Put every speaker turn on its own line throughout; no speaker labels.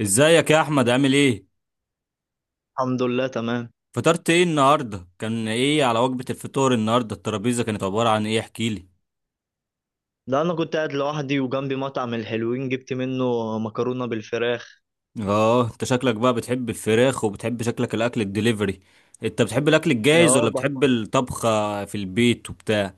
ازيك يا احمد، عامل ايه؟
الحمد لله تمام.
فطرت ايه النهارده؟ كان ايه على وجبة الفطور النهارده؟ الترابيزة كانت عبارة عن ايه؟ احكي لي.
لا، انا كنت قاعد لوحدي وجنبي مطعم الحلوين، جبت منه مكرونه بالفراخ.
اه انت شكلك بقى بتحب الفراخ وبتحب شكلك الاكل الدليفري. انت بتحب الاكل الجاهز
اه
ولا
بح-
بتحب الطبخة في البيت وبتاع؟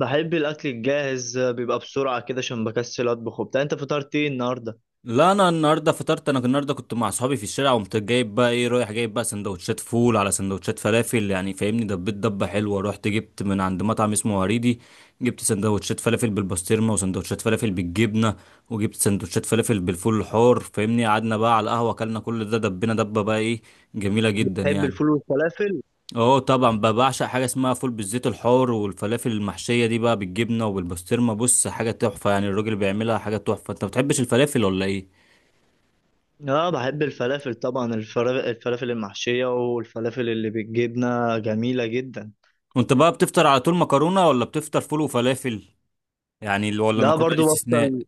بحب الاكل الجاهز، بيبقى بسرعه كده عشان بكسل اطبخ وبتاع. انت فطرت ايه النهارده؟
لا انا النهارده كنت مع اصحابي في الشارع، وقمت جايب بقى ايه، رايح جايب بقى سندوتشات فول على سندوتشات فلافل، يعني فاهمني، دبيت دبه حلوه. رحت جبت من عند مطعم اسمه هريدي، جبت سندوتشات فلافل بالبسطرمه وسندوتشات فلافل بالجبنه، وجبت سندوتشات فلافل بالفول الحار. فاهمني، قعدنا بقى على القهوه، اكلنا كل ده، دبينا دبه بقى، ايه، جميله جدا
بحب
يعني.
الفول والفلافل.
اه طبعا بقى بعشق حاجه اسمها فول بالزيت الحار، والفلافل المحشيه دي بقى بالجبنه وبالبسطرمه، بص حاجه تحفه يعني، الراجل بيعملها حاجه تحفه. انت ما بتحبش الفلافل ولا ايه؟
اه بحب الفلافل طبعا، الفلافل المحشيه والفلافل اللي بالجبنه جميله جدا.
كنت بقى بتفطر على طول مكرونة ولا بتفطر فول وفلافل؟ يعني ولا
ده
المكرونة دي
برضو
استثناء؟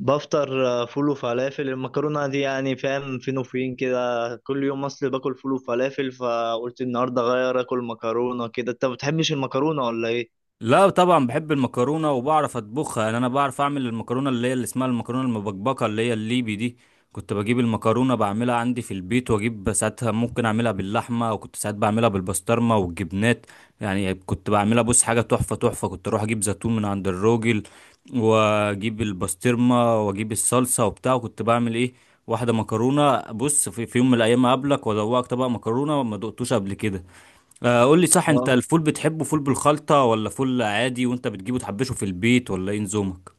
بفطر فول وفلافل، المكرونة دي يعني فاهم فين وفين كده. كل يوم اصل باكل فول وفلافل، فقلت النهاردة اغير اكل مكرونة كده. انت ما بتحبش المكرونة ولا ايه؟
لا طبعا بحب المكرونه وبعرف اطبخها، يعني انا بعرف اعمل المكرونه اللي هي اللي اسمها المكرونه المبكبكه اللي هي الليبي دي. كنت بجيب المكرونه بعملها عندي في البيت، واجيب ساعتها ممكن اعملها باللحمه، وكنت ساعات بعملها بالبسطرمه والجبنات. يعني كنت بعملها، بص حاجه تحفه تحفه، كنت اروح اجيب زيتون من عند الراجل، واجيب البسطرمه واجيب الصلصه وبتاع، وكنت بعمل ايه، واحده مكرونه. بص، في يوم من الايام اقابلك وادوقك طبق مكرونه ما دقتوش قبل كده. آه، قول لي صح، انت
آه.
الفول بتحبه فول بالخلطة ولا فول عادي؟ وانت بتجيبه تحبشه في البيت ولا ايه نظامك؟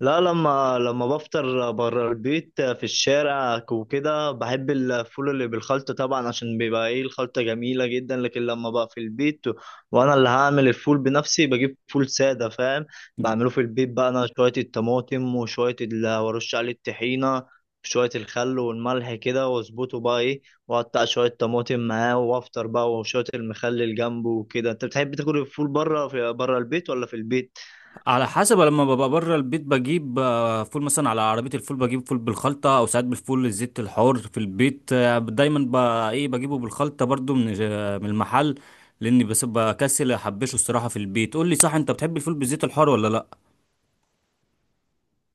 لا، لما بفطر بره البيت في الشارع وكده بحب الفول اللي بالخلطة طبعا، عشان بيبقى ايه الخلطة جميلة جدا. لكن لما بقى في البيت وانا اللي هعمل الفول بنفسي بجيب فول سادة، فاهم. بعمله في البيت بقى، انا شوية الطماطم وشوية اللي ورش عليه الطحينة، شوية الخل والملح كده واظبطه بقى ايه، واقطع شوية طماطم معاه وافطر بقى، وشوية المخلل جنبه وكده. انت بتحب تاكل الفول بره في بره البيت ولا في البيت؟
على حسب، لما ببقى بره البيت بجيب فول، مثلا على عربية الفول بجيب فول بالخلطة، او ساعات بالفول الزيت الحار. في البيت ايه، بجيبه بالخلطة برضو من من المحل، لاني بس بكسل احبشه الصراحة في البيت. قول لي صح، انت بتحب الفول بالزيت الحار ولا لا؟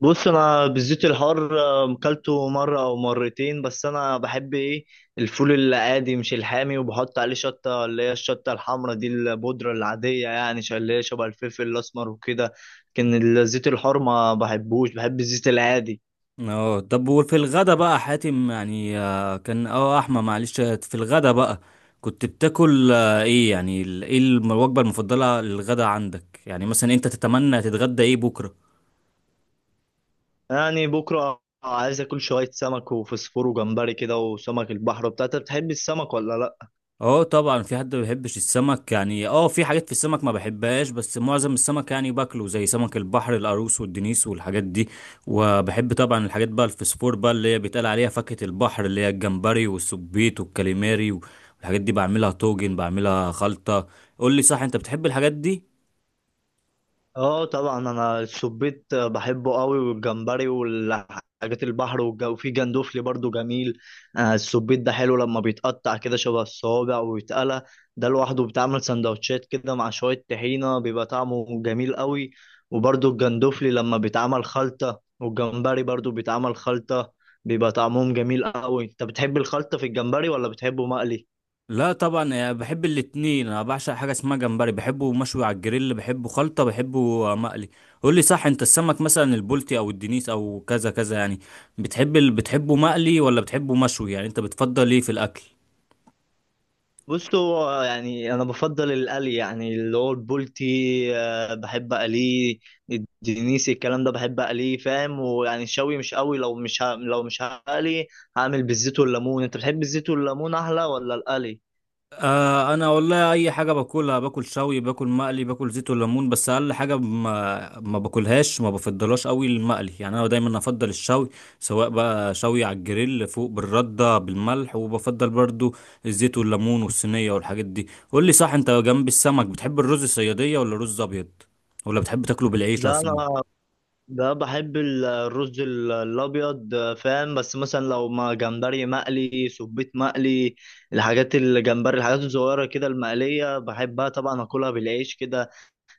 بص انا بالزيت الحار كلته مره او مرتين، بس انا بحب ايه الفول العادي مش الحامي، وبحط عليه شطه اللي هي الشطه الحمراء دي البودره العاديه، اللي هي شبه الفلفل الاسمر وكده. لكن الزيت الحار ما بحبوش، بحب الزيت العادي.
اه طب وفي الغدا بقى حاتم، يعني آه، كان اه احمد، معلش، في الغدا بقى كنت بتاكل ايه الوجبة المفضلة للغدا عندك؟ يعني مثلا انت تتمنى تتغدى ايه بكرة؟
يعني بكره عايز اكل شويه سمك وفسفور وجمبري كده وسمك البحر. بتاعتك بتحب السمك ولا لا؟
اه طبعا، في حد ما بيحبش السمك؟ يعني اه في حاجات في السمك ما بحبهاش، بس معظم السمك يعني باكله، زي سمك البحر القاروص والدنيس والحاجات دي. وبحب طبعا الحاجات بقى، الفسفور بقى اللي هي بيتقال عليها فاكهة البحر، اللي هي الجمبري والسبيط والكاليماري والحاجات دي، بعملها طاجن بعملها خلطة. قول لي صح، انت بتحب الحاجات دي؟
اه طبعا، انا السبيت بحبه قوي، والجمبري والحاجات البحر والجو، وفي جندوفلي برضو جميل. السبيت ده حلو لما بيتقطع كده شبه الصوابع ويتقلى، ده لوحده بتعمل سندوتشات كده مع شوية طحينة بيبقى طعمه جميل قوي. وبرضو الجندوفلي لما بيتعمل خلطة، والجمبري برضو بيتعمل خلطة بيبقى طعمهم جميل قوي. انت بتحب الخلطة في الجمبري ولا بتحبه مقلي؟
لا طبعا أنا بحب الاتنين، انا بعشق حاجه اسمها جمبري، بحبه مشوي على الجريل، بحبه خلطه، بحبه مقلي. قول لي صح، انت السمك مثلا البلطي او الدنيس او كذا كذا يعني، بتحبه مقلي ولا بتحبه مشوي؟ يعني انت بتفضل ايه في الاكل؟
بص هو يعني انا بفضل القلي، يعني اللي هو البولتي بحب اقليه، الدنيسي الكلام ده بحب اقليه، فاهم. ويعني الشوي مش قوي، لو مش هقلي هعمل بالزيت والليمون. انت بتحب الزيت والليمون احلى ولا القلي؟
آه انا والله اي حاجه باكلها، باكل شوي، باكل مقلي، باكل زيت وليمون، بس اقل حاجه ما باكلهاش، ما بفضلهاش قوي، المقلي يعني، انا دايما افضل الشوي، سواء بقى شوي على الجريل فوق بالرده بالملح، وبفضل برضو الزيت والليمون والصينيه والحاجات دي. قول لي صح، انت جنب السمك بتحب الرز الصياديه ولا رز ابيض؟ ولا بتحب تاكله بالعيش
ده
اصلا؟
انا ده بحب الرز الابيض فاهم. بس مثلا لو ما جمبري مقلي، سبيت مقلي، الحاجات الجمبري الحاجات الصغيره كده المقليه بحبها طبعا اكلها بالعيش كده.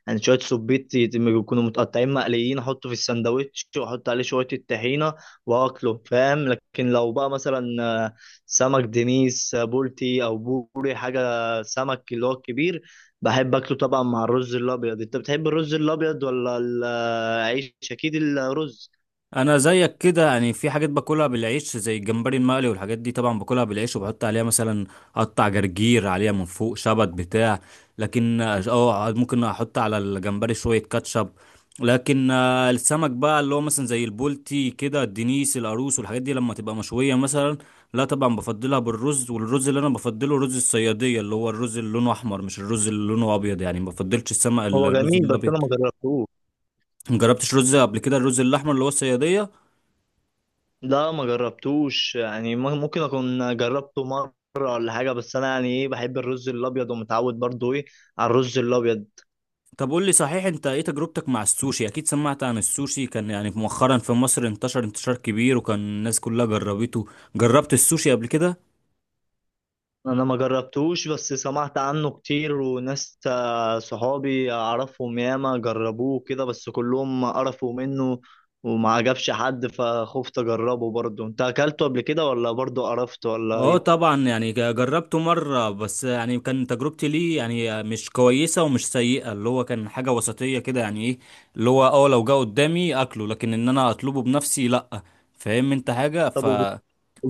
يعني شويه سبيت يكونوا متقطعين مقليين، احطه في الساندوتش واحط عليه شويه الطحينه واكله، فاهم. لكن لو بقى مثلا آه، سمك دنيس بولتي او بوري حاجه، سمك اللي هو الكبير، بحب اكله طبعا مع الرز الابيض. انت بتحب الرز الابيض ولا العيش؟ اكيد الرز،
انا زيك كده يعني، في حاجات باكلها بالعيش زي الجمبري المقلي والحاجات دي طبعا باكلها بالعيش، وبحط عليها مثلا قطع جرجير عليها من فوق، شبت، بتاع. لكن اه ممكن احط على الجمبري شوية كاتشب. لكن السمك بقى اللي هو مثلا زي البولتي كده، الدنيس، القاروص، والحاجات دي لما تبقى مشوية مثلا، لا طبعا بفضلها بالرز، والرز اللي انا بفضله رز الصيادية، اللي هو الرز اللي لونه احمر، مش الرز اللي لونه ابيض. يعني ما بفضلش السمك
هو
الرز
جميل بس انا
الابيض.
ما جربتوش.
مجربتش رز قبل كده الرز الاحمر اللي هو الصيادية؟
لا ما جربتوش، يعني ممكن اكون جربته مره ولا حاجه، بس انا يعني ايه بحب الرز الابيض ومتعود برضو ايه على الرز الابيض.
طب قول لي صحيح، انت ايه تجربتك مع السوشي؟ اكيد سمعت عن السوشي، كان يعني مؤخرا في مصر انتشر انتشار كبير، وكان الناس كلها جربته. جربت السوشي قبل كده؟
انا ما جربتوش بس سمعت عنه كتير، وناس صحابي اعرفهم ياما جربوه كده، بس كلهم قرفوا منه وما عجبش حد، فخفت اجربه برضه. انت اكلته قبل كده ولا برضه قرفت ولا
اه
ايه؟
طبعا يعني جربته مرة، بس يعني كان تجربتي ليه يعني مش كويسة ومش سيئة، اللي هو كان حاجة وسطية كده. يعني ايه؟ اللي هو اه لو جه قدامي اكله، لكن ان انا اطلبه بنفسي لأ. فاهم انت حاجة
طب وبت...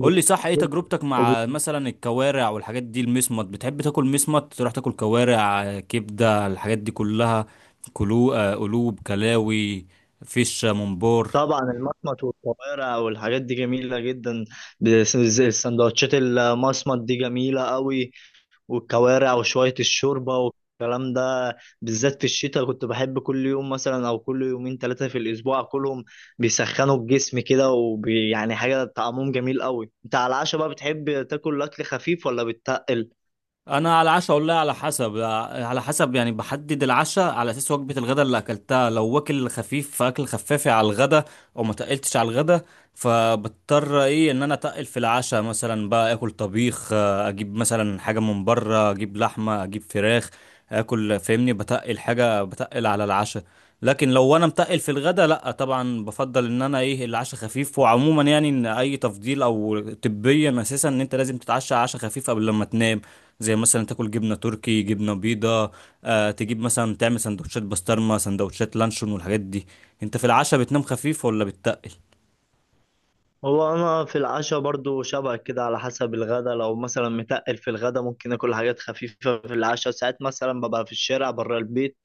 قول لي صح، ايه تجربتك
وبت...
مع مثلا الكوارع والحاجات دي، المسمط؟ بتحب تاكل مسمط؟ تروح تاكل كوارع، كبدة، الحاجات دي كلها، كلو، قلوب، كلاوي، فيش، منبار؟
طبعا المصمت والكوارع والحاجات دي جميلة جدا، السندوتشات المصمت دي جميلة قوي، والكوارع وشوية الشوربة والكلام ده بالذات في الشتاء، كنت بحب كل يوم مثلا أو كل يومين ثلاثة في الأسبوع كلهم بيسخنوا الجسم كده، وبي يعني حاجة طعمهم جميل قوي. أنت على العشاء بقى بتحب تاكل أكل خفيف ولا بتتقل؟
انا على العشاء والله على حسب، على حسب يعني، بحدد العشاء على اساس وجبه الغداء اللي اكلتها، لو واكل خفيف فاكل خفافي على الغداء او ما تقلتش على الغداء، فبضطر ايه ان انا اتقل في العشاء، مثلا بقى اكل طبيخ، اجيب مثلا حاجه من بره، اجيب لحمه، اجيب فراخ، اكل فاهمني بتقل، حاجه بتقل على العشاء. لكن لو انا متقل في الغداء، لا طبعا بفضل ان انا ايه العشاء خفيف. وعموما يعني، ان اي تفضيل او طبيا اساسا، ان انت لازم تتعشى عشاء خفيف قبل لما تنام، زي مثلا تاكل جبنه تركي، جبنه بيضه، آه تجيب مثلا تعمل سندوتشات بسطرمه، سندوتشات لانشون، والحاجات دي. انت في العشاء بتنام خفيف ولا بتتقل؟
هو أنا في العشاء برضو شبه كده على حسب الغدا، لو مثلا متقل في الغدا ممكن آكل حاجات خفيفة في العشاء. ساعات مثلا ببقى في الشارع بره البيت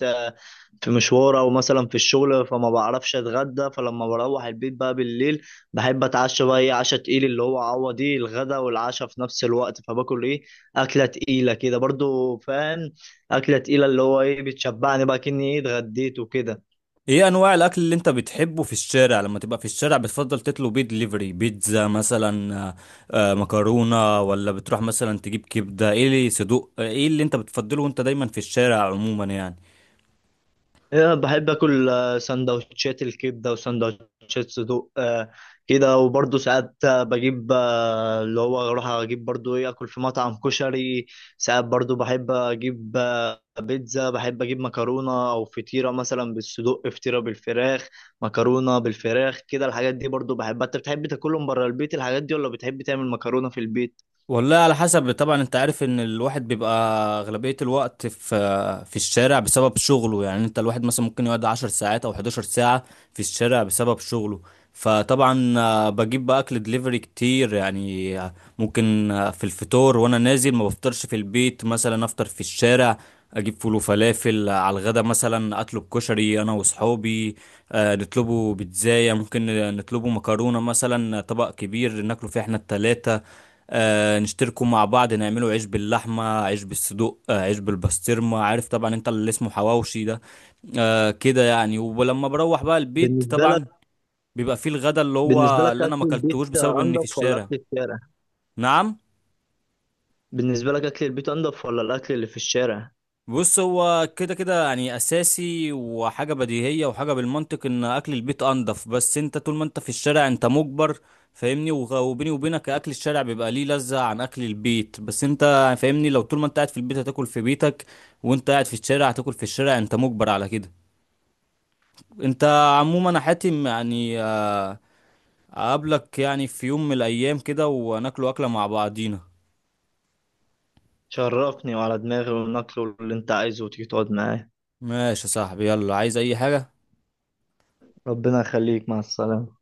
في مشوار او مثلا في الشغل، فما بعرفش اتغدى، فلما بروح البيت بقى بالليل بحب اتعشى بقى ايه عشا تقيل، اللي هو عوض ايه الغدا والعشاء في نفس الوقت، فباكل ايه اكله تقيله كده برضو، فاهم، اكله تقيله اللي هو ايه بتشبعني بقى كني ايه اتغديت وكده.
ايه انواع الاكل اللي انت بتحبه في الشارع؟ لما تبقى في الشارع بتفضل تطلب بيه دليفري بيتزا مثلا، مكرونه، ولا بتروح مثلا تجيب كبده، ايه اللي صدوق، ايه اللي انت بتفضله وانت دايما في الشارع عموما يعني؟
إيه، بحب اكل سندوتشات الكبده وسندوتشات صدوق كده. وبرضه ساعات بجيب اللي هو اروح اجيب برضه ايه اكل في مطعم كشري. ساعات برضه بحب اجيب بيتزا، بحب اجيب مكرونه او فطيره مثلا بالصدوق، فطيره بالفراخ، مكرونه بالفراخ كده، الحاجات دي برضه بحبها. انت بتحب تاكلهم بره البيت الحاجات دي ولا بتحب تعمل مكرونه في البيت؟
والله على حسب. طبعا انت عارف ان الواحد بيبقى اغلبية الوقت في الشارع بسبب شغله، يعني انت الواحد مثلا ممكن يقعد 10 ساعات او 11 ساعة في الشارع بسبب شغله. فطبعا بجيب بقى اكل دليفري كتير، يعني آه، ممكن آه، في الفطور وانا نازل ما بفطرش في البيت، مثلا افطر في الشارع، اجيب فول وفلافل. على الغدا مثلا اطلب كشري انا وصحابي، نطلبه بيتزاية ممكن، نطلبه مكرونة مثلا، طبق كبير ناكله فيه احنا التلاتة، آه نشتركوا مع بعض، نعملوا عيش باللحمة، عيش بالصدوق، آه عيش بالبسطرمة، عارف طبعا انت اللي اسمه حواوشي ده، آه كده يعني. ولما بروح بقى البيت
بالنسبه لك
طبعا بيبقى فيه الغدا اللي
بالنسبه
هو
لك
اللي انا ما
اكل البيت
اكلتهوش بسبب اني في
انضف ولا
الشارع.
اكل الشارع؟
نعم؟
بالنسبه لك اكل البيت انضف ولا الاكل اللي في الشارع؟
بص هو كده كده يعني اساسي وحاجه بديهيه وحاجه بالمنطق، ان اكل البيت انضف، بس انت طول ما انت في الشارع انت مجبر. فاهمني، وبيني وبينك اكل الشارع بيبقى ليه لذة عن اكل البيت، بس انت فاهمني، لو طول ما انت قاعد في البيت هتاكل في بيتك، وانت قاعد في الشارع هتاكل في الشارع، انت مجبر على كده. انت عموما انا حاتم يعني، اقابلك يعني في يوم من الايام كده وناكلوا اكله مع بعضينا.
شرفني، وعلى دماغي، والنقل اللي انت عايزه، وتيجي تقعد معايا.
ماشي يا صاحبي، يلا، عايز اي حاجه؟
ربنا يخليك، مع السلامة.